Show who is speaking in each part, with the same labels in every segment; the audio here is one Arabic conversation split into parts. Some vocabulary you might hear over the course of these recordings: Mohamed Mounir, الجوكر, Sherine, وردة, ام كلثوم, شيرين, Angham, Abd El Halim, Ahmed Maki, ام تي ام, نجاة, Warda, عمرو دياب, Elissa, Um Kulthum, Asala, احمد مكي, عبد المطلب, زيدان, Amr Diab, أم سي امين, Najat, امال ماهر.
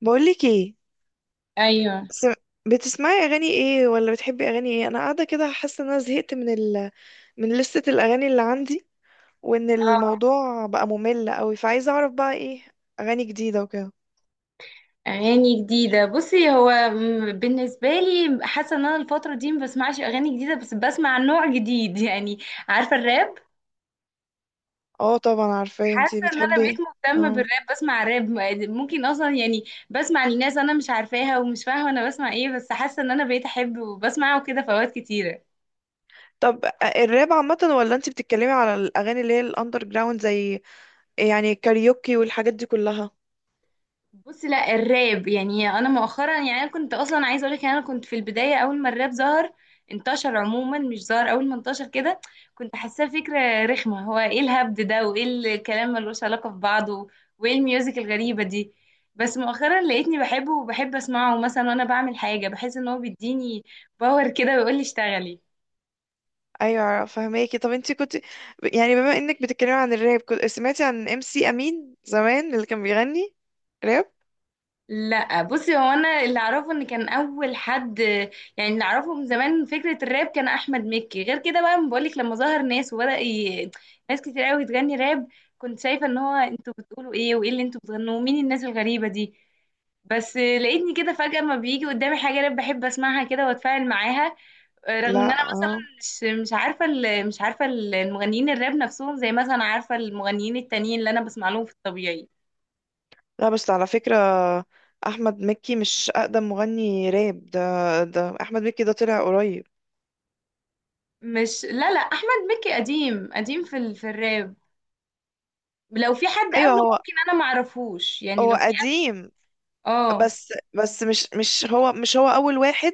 Speaker 1: بقولك ايه،
Speaker 2: ايوه.
Speaker 1: سم... بتسمعي اغاني ايه، ولا بتحبي اغاني ايه؟ انا قاعده كده حاسه ان انا زهقت من لستة الاغاني اللي عندي، وان
Speaker 2: اه.
Speaker 1: الموضوع بقى ممل قوي، فعايزه اعرف بقى ايه اغاني جديده وكده.
Speaker 2: اغاني جديده. بصي، هو بالنسبه لي حاسه ان انا الفتره دي ما بسمعش اغاني جديده، بس بسمع نوع جديد يعني. عارفه الراب؟
Speaker 1: اه طبعا عارفاه، انتي
Speaker 2: حاسه ان انا
Speaker 1: بتحبي
Speaker 2: بقيت
Speaker 1: ايه؟
Speaker 2: مهتمه
Speaker 1: اه،
Speaker 2: بالراب، بسمع راب ممكن اصلا يعني. بسمع لناس انا مش عارفاها ومش فاهمه انا بسمع ايه، بس حاسه ان انا بقيت احب وبسمعه كده في اوقات كتيره.
Speaker 1: طب الراب عامه، ولا انتي بتتكلمي على الاغاني اللي هي الاندر جراوند، زي يعني كاريوكي والحاجات دي كلها؟
Speaker 2: بص، لا الراب يعني انا مؤخرا، يعني انا كنت اصلا عايزه اقول لك، انا كنت في البدايه اول ما الراب ظهر، انتشر عموما، مش ظهر اول ما انتشر كده. كنت حاساه فكره رخمه، هو ايه الهبد ده وايه الكلام ملوش علاقه ببعضه، وايه الميوزك الغريبه دي. بس مؤخرا لقيتني بحبه وبحب اسمعه، مثلا وانا بعمل حاجه بحس ان هو بيديني باور كده ويقول لي اشتغلي.
Speaker 1: ايوه فهماكي. طب انتي كنت، يعني بما انك بتتكلمي عن الراب، كنت سمعتي عن ام سي امين زمان اللي كان بيغني راب؟
Speaker 2: لا بصي، هو انا اللي اعرفه ان كان اول حد، يعني اللي اعرفه من زمان فكره الراب كان احمد مكي. غير كده بقى بقولك، لما ظهر ناس وبدا ناس كتير قوي تغني راب، كنت شايفه ان هو انتوا بتقولوا ايه وايه اللي انتوا بتغنوه؟ مين الناس الغريبه دي؟ بس لقيتني كده فجاه، ما بيجي قدامي حاجه راب بحب اسمعها كده واتفاعل معاها، رغم ان انا
Speaker 1: لا اه.
Speaker 2: مثلا مش عارفه مش عارفه المغنيين الراب نفسهم، زي مثلا عارفه المغنيين التانيين اللي انا بسمع لهم في الطبيعي.
Speaker 1: لا بس على فكرة، أحمد مكي مش أقدم مغني راب. ده أحمد مكي ده طلع قريب.
Speaker 2: مش، لا لا احمد مكي قديم قديم في في الراب. لو في حد
Speaker 1: أيوه
Speaker 2: قبله
Speaker 1: هو
Speaker 2: ممكن انا ما اعرفوش، يعني
Speaker 1: هو
Speaker 2: لو في.
Speaker 1: قديم،
Speaker 2: اه.
Speaker 1: بس مش هو أول واحد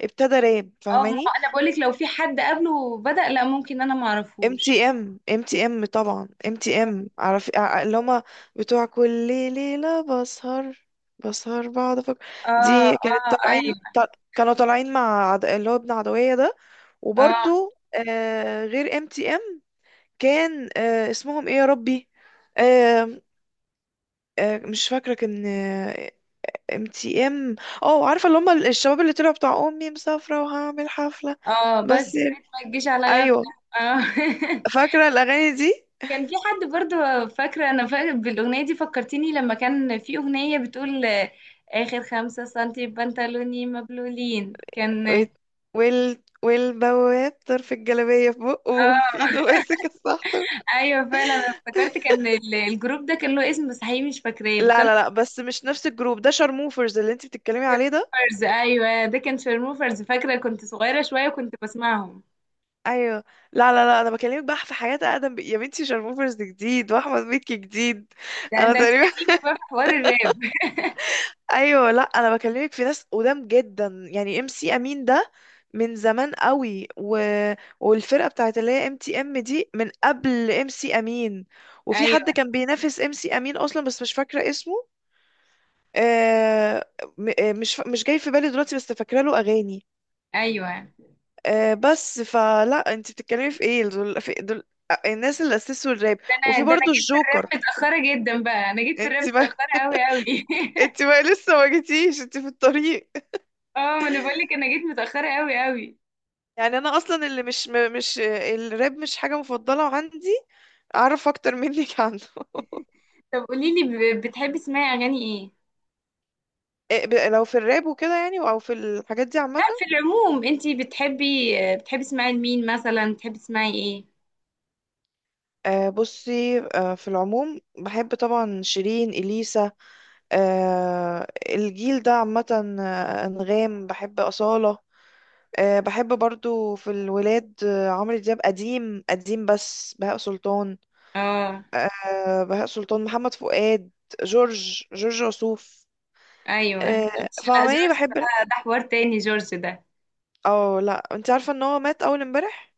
Speaker 1: ابتدى راب،
Speaker 2: اه، ما هو
Speaker 1: فاهماني؟
Speaker 2: انا بقولك لو في حد قبله بدأ، لا ممكن انا ما
Speaker 1: ام
Speaker 2: اعرفوش.
Speaker 1: تي ام ام تي ام طبعا، ام تي ام عارف، اللي هما بتوع كل ليلة بسهر بقعد أفكر.
Speaker 2: اه.
Speaker 1: دي كانت
Speaker 2: اه.
Speaker 1: طالعين،
Speaker 2: ايوه.
Speaker 1: كانوا طالعين مع اللي هو ابن عدوية ده.
Speaker 2: اه.
Speaker 1: وبرضو، غير ام تي ام كان، اسمهم ايه يا ربي؟ آه مش فاكرة، كان، ام تي ام، اه، عارفة اللي هم الشباب اللي طلعوا بتاع امي مسافرة وهعمل حفلة؟
Speaker 2: اه،
Speaker 1: بس
Speaker 2: بس يا ريت ما تجيش على غفلة.
Speaker 1: ايوه،
Speaker 2: اه
Speaker 1: فاكرة الاغاني دي.
Speaker 2: كان في حد برضو فاكرة، انا فاكرة بالاغنية دي فكرتيني لما كان في اغنية بتقول اخر 5 سنتي بنطلوني مبلولين كان.
Speaker 1: ويت- والبواب طرف الجلابية في بقه وفي
Speaker 2: اه
Speaker 1: ايده ماسك السحطة.
Speaker 2: ايوه فعلا، انا افتكرت كان الجروب ده كان له اسم بس حقيقي مش فاكراه بس
Speaker 1: لا
Speaker 2: انا.
Speaker 1: لا لا، بس مش نفس الجروب ده، شارموفرز اللي انت بتتكلمي عليه ده.
Speaker 2: شيرموفرز. ايوه ده كان شيرموفرز، فاكره كنت صغيره شويه وكنت بسمعهم.
Speaker 1: ايوه، لا لا لا، انا بكلمك بقى في حياة اقدم، يا بنتي، شارموفرز جديد واحمد مكي جديد.
Speaker 2: ده
Speaker 1: انا
Speaker 2: ده انت
Speaker 1: تقريبا،
Speaker 2: قديمه بقى في حوار الراب.
Speaker 1: ايوه، لا، انا بكلمك في ناس قدام جدا، يعني ام سي امين ده من زمان قوي، والفرقه بتاعت اللي هي ام تي ام دي من قبل ام سي امين. وفي
Speaker 2: ايوه.
Speaker 1: حد كان بينافس ام سي امين اصلا بس مش فاكره اسمه، آه... م... آه، مش ف... مش جاي في بالي دلوقتي بس فاكره له اغاني.
Speaker 2: ايوه.
Speaker 1: بس فلا، انت بتتكلمي في ايه؟ دول... في... دول... آه، الناس اللي اسسوا الراب،
Speaker 2: ده
Speaker 1: وفي
Speaker 2: انا ده انا
Speaker 1: برضو
Speaker 2: جيت في الراب
Speaker 1: الجوكر.
Speaker 2: متاخره جدا بقى، انا جيت في الراب
Speaker 1: انت ما
Speaker 2: متاخره قوي قوي
Speaker 1: انت ما لسه ما جيتيش، انت في الطريق.
Speaker 2: اه، ما انا بقول لك انا جيت متاخره قوي قوي.
Speaker 1: يعني انا اصلا اللي مش الراب مش حاجه مفضله عندي، اعرف اكتر منك عنه.
Speaker 2: طب قولي لي، بتحبي تسمعي اغاني ايه؟
Speaker 1: إيه، لو في الراب وكده يعني، او في الحاجات دي عامه؟
Speaker 2: لا في العموم، انت بتحبي، تسمعي لمين مثلا؟ بتحبي تسمعي ايه؟
Speaker 1: بصي، في العموم بحب طبعا شيرين، اليسا، الجيل ده عامه، انغام، بحب اصاله. بحب برضو في الولاد، عمرو دياب قديم قديم، بس بهاء سلطان.
Speaker 2: اه.
Speaker 1: بهاء سلطان، محمد فؤاد، جورج وسوف.
Speaker 2: ايوه جورج. لا
Speaker 1: فعماني
Speaker 2: جورج
Speaker 1: بحب.
Speaker 2: بقى ده حوار تاني، جورج ده.
Speaker 1: اه لا، انت عارفة ان هو مات اول امبارح.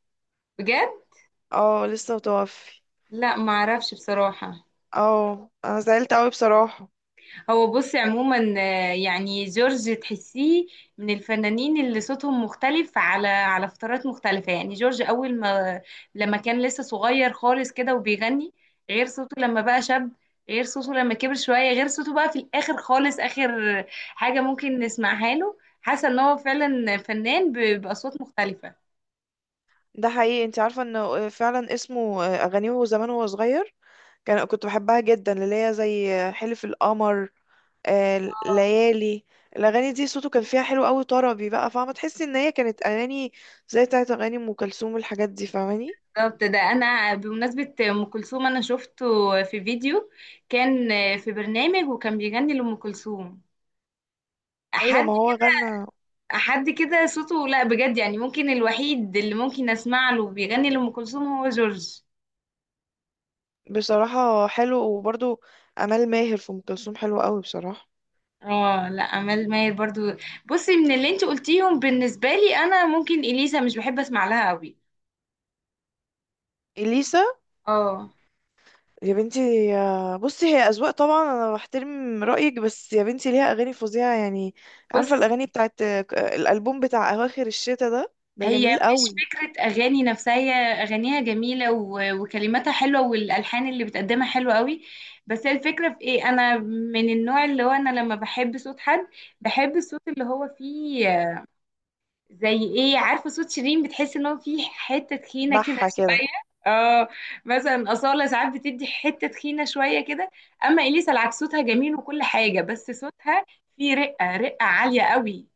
Speaker 2: بجد؟
Speaker 1: اه، لسه متوفي.
Speaker 2: لا ما اعرفش بصراحة.
Speaker 1: اه انا زعلت قوي بصراحة.
Speaker 2: هو بصي عموما، يعني جورج تحسيه من الفنانين اللي صوتهم مختلف على فترات مختلفة. يعني جورج اول ما، لما كان لسه صغير خالص كده وبيغني، غير صوته لما بقى شاب، غير صوته لما كبر شوية، غير صوته بقى في الاخر خالص. اخر حاجة ممكن نسمعها له، حاسة ان هو فعلا فنان باصوات مختلفة.
Speaker 1: ده حقيقي. انت عارفة انه فعلا اسمه آه، اغانيه وهو زمان وهو صغير، كنت بحبها جدا، اللي هي زي حلف القمر، ليالي. الاغاني دي صوته كان فيها حلو قوي طربي بقى، فاهمة؟ تحسي ان هي كانت اغاني زي بتاعت اغاني ام كلثوم والحاجات دي، فاهماني؟
Speaker 2: بالظبط، ده انا بمناسبة ام كلثوم انا شفته في فيديو كان في برنامج وكان بيغني لام كلثوم،
Speaker 1: ايوه
Speaker 2: حد
Speaker 1: ما هو غنى.
Speaker 2: حد كده صوته. لا بجد يعني ممكن الوحيد اللي ممكن اسمع له بيغني لام كلثوم هو جورج.
Speaker 1: بصراحة حلو. وبرضو امال ماهر في ام كلثوم حلو قوي بصراحة.
Speaker 2: اه لا امال ماهر برضو. بصي، من اللي انت قلتيهم بالنسبة لي انا، ممكن اليسا مش بحب اسمع لها قوي.
Speaker 1: اليسا؟
Speaker 2: اه.
Speaker 1: يا بنتي، بصي، هي أذواق طبعا، أنا بحترم رأيك، بس يا بنتي، ليها أغاني فظيعة يعني. عارفة
Speaker 2: بصي
Speaker 1: الأغاني بتاعت، الألبوم بتاع أواخر الشتا ده
Speaker 2: هي
Speaker 1: جميل
Speaker 2: مش
Speaker 1: قوي.
Speaker 2: فكرة أغاني نفسها، هي أغانيها جميلة وكلماتها حلوة والألحان اللي بتقدمها حلوة قوي. بس هي الفكرة في إيه؟ أنا من النوع اللي هو أنا لما بحب صوت حد بحب الصوت اللي هو فيه، زي إيه؟ عارفة صوت شيرين بتحس إن هو فيه حتة تخينة كده
Speaker 1: بحة كده.
Speaker 2: شوية. اه. مثلا أصالة ساعات بتدي حتة تخينة شوية كده. أما إليسا العكس، صوتها جميل وكل حاجة، بس صوتها فيه رقة، رقة عالية قوي.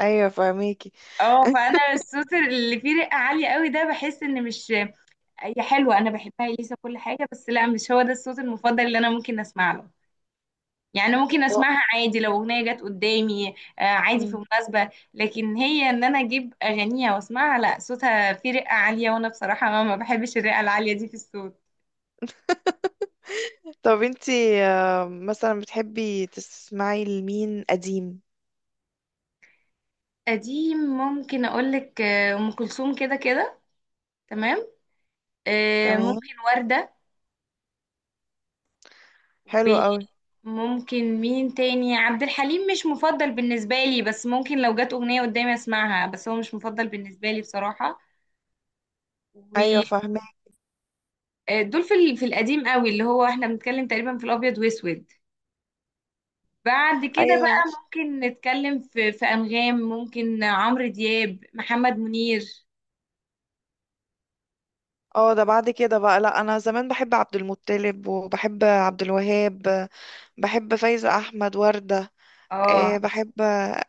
Speaker 1: أيوة فاهميكي.
Speaker 2: اه، فانا الصوت اللي فيه رقه عاليه قوي ده بحس ان مش، هي حلوه انا بحبها اليسا كل حاجه، بس لا مش هو ده الصوت المفضل اللي انا ممكن اسمع له. يعني ممكن
Speaker 1: و-
Speaker 2: اسمعها عادي لو اغنيه جت قدامي، عادي في
Speaker 1: مم.
Speaker 2: مناسبه، لكن هي ان انا اجيب اغانيها واسمعها، لا، صوتها فيه رقه عاليه وانا بصراحه ما بحبش الرقه العاليه دي في الصوت.
Speaker 1: طب انتي، مثلا بتحبي تسمعي لمين قديم؟
Speaker 2: قديم ممكن اقولك ام كلثوم كده كده. تمام.
Speaker 1: تمام،
Speaker 2: ممكن ورده.
Speaker 1: حلو قوي.
Speaker 2: ممكن مين تاني؟ عبد الحليم مش مفضل بالنسبة لي، بس ممكن لو جت أغنية قدامي أسمعها، بس هو مش مفضل بالنسبة لي بصراحة.
Speaker 1: ايوه
Speaker 2: ودول
Speaker 1: فاهمه.
Speaker 2: في في القديم قوي، اللي هو احنا بنتكلم تقريبا في الأبيض وأسود. بعد كده
Speaker 1: ايوه،
Speaker 2: بقى ممكن نتكلم في أنغام، ممكن عمرو دياب، محمد منير.
Speaker 1: اه، ده بعد كده بقى. لا، انا زمان بحب عبد المطلب وبحب عبد الوهاب، بحب فايزة احمد، وردة،
Speaker 2: اه.
Speaker 1: بحب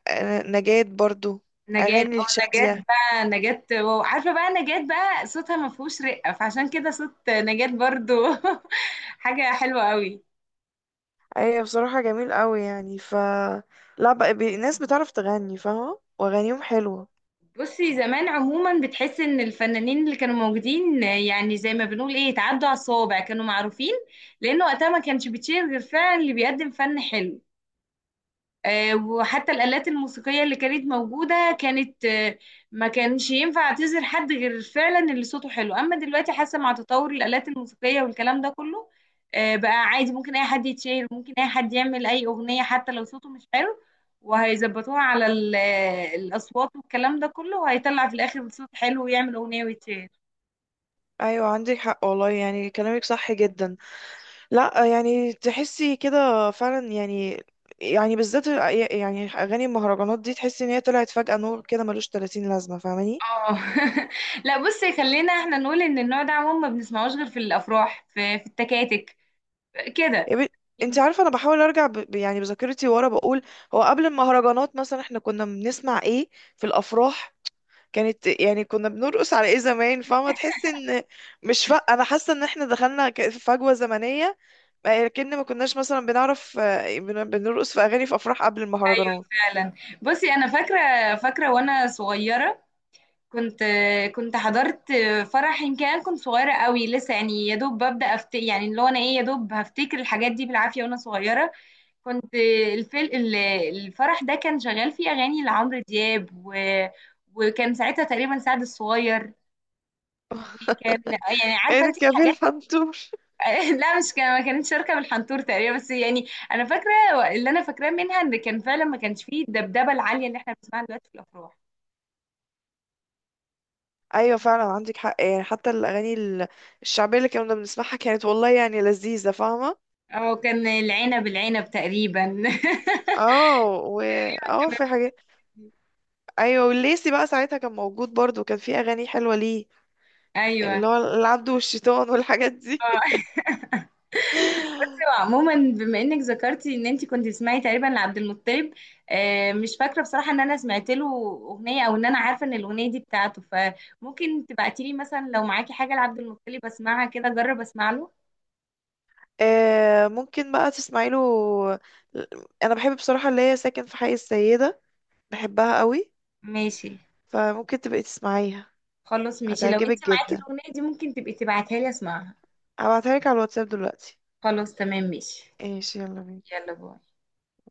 Speaker 1: نجاة برضو،
Speaker 2: نجاة،
Speaker 1: اغاني
Speaker 2: اه نجاة
Speaker 1: الشادية.
Speaker 2: بقى، نجاة واو، عارفة بقى نجاة بقى صوتها ما فيهوش رقة، فعشان كده صوت نجاة برضو حاجة حلوة قوي.
Speaker 1: ايوه بصراحة جميل قوي يعني لا بقى، الناس بتعرف تغني، فاهمة؟ واغانيهم حلوة.
Speaker 2: بصي زمان عموما بتحس ان الفنانين اللي كانوا موجودين، يعني زي ما بنقول ايه، اتعدوا على الصوابع، كانوا معروفين، لان وقتها ما كانش بتشير غير فعلا اللي بيقدم فن حلو. وحتى الآلات الموسيقية اللي كانت موجودة كانت، ما كانش ينفع تعزل حد غير فعلا اللي صوته حلو. أما دلوقتي حاسة مع تطور الآلات الموسيقية والكلام ده كله، بقى عادي ممكن أي حد يتشير، ممكن أي حد يعمل أي أغنية حتى لو صوته مش حلو، وهيظبطوها على الأصوات والكلام ده كله، وهيطلع في الآخر صوت حلو ويعمل أغنية ويتشير.
Speaker 1: ايوه عندك حق والله، يعني كلامك صح جدا. لا، يعني تحسي كده فعلا يعني. يعني بالذات، يعني اغاني المهرجانات دي، تحسي ان هي طلعت فجأة نور كده ملوش 30 لازمة، فاهماني؟
Speaker 2: اه لا بصي، خلينا احنا نقول ان النوع ده عموما ما بنسمعوش غير في الافراح، في التكاتك
Speaker 1: إيه،
Speaker 2: كده.
Speaker 1: انت عارفة انا بحاول ارجع، يعني بذاكرتي ورا، بقول هو قبل المهرجانات مثلا احنا كنا بنسمع ايه في الافراح؟ كانت يعني كنا بنرقص على ايه زمان؟ فاهمة؟ تحس ان، مش ف... انا حاسة ان احنا دخلنا، في فجوة زمنية. لكن ما كناش مثلا بنعرف، بنرقص في اغاني في افراح قبل
Speaker 2: ايوه
Speaker 1: المهرجانات.
Speaker 2: فعلا. بصي انا فاكره، فاكره وانا صغيره، كنت كنت حضرت فرح، يمكن انا كنت صغيره قوي لسه، يعني يا دوب ببدا يعني اللي هو انا ايه، يا دوب هفتكر الحاجات دي بالعافيه وانا صغيره. كنت، الفل... ال- الفرح ده كان شغال فيه اغاني لعمرو دياب وكان ساعتها تقريبا سعد الصغير، وكان يعني عارفه انت
Speaker 1: اركبي
Speaker 2: الحاجات.
Speaker 1: الحنطور.
Speaker 2: لا مش كان، ما كانتش شركه من الحنطور تقريبا، بس يعني انا فاكره اللي انا فاكراه منها ان كان فعلا ما كانش فيه الدبدبه العاليه اللي احنا بنسمعها دلوقتي في الافراح.
Speaker 1: ايوه فعلا عندك حق، يعني حتى الاغاني الشعبية اللي كنا بنسمعها كانت والله يعني لذيذة، فاهمة؟
Speaker 2: او كان العنب العنب تقريبا
Speaker 1: اه، اه، في حاجات. ايوه، والليسي بقى ساعتها كان موجود برضو، كان في اغاني حلوة ليه،
Speaker 2: ايوه.
Speaker 1: اللي هو العبد والشيطان والحاجات دي.
Speaker 2: اه عموما بما انك ذكرتي ان انت كنت تسمعي تقريبا لعبد المطلب، مش فاكره بصراحه ان انا سمعت له اغنيه، او ان انا عارفه ان الاغنيه دي بتاعته، فممكن تبعتي لي مثلا لو معاكي حاجه لعبد المطلب، اسمعها كده اجرب اسمع له.
Speaker 1: ممكن بقى تسمعي له. انا بحب بصراحة اللي هي ساكن في حي السيدة، بحبها قوي.
Speaker 2: ماشي.
Speaker 1: فممكن تبقي تسمعيها،
Speaker 2: خلاص ماشي، لو انت
Speaker 1: هتعجبك
Speaker 2: معاكي
Speaker 1: جدا.
Speaker 2: الاغنيه دي ممكن تبقي تبعتها لي اسمعها.
Speaker 1: هبعتها لك على الواتساب دلوقتي.
Speaker 2: خلاص تمام ماشي.
Speaker 1: ايش، يلا بينا.
Speaker 2: يلا باي.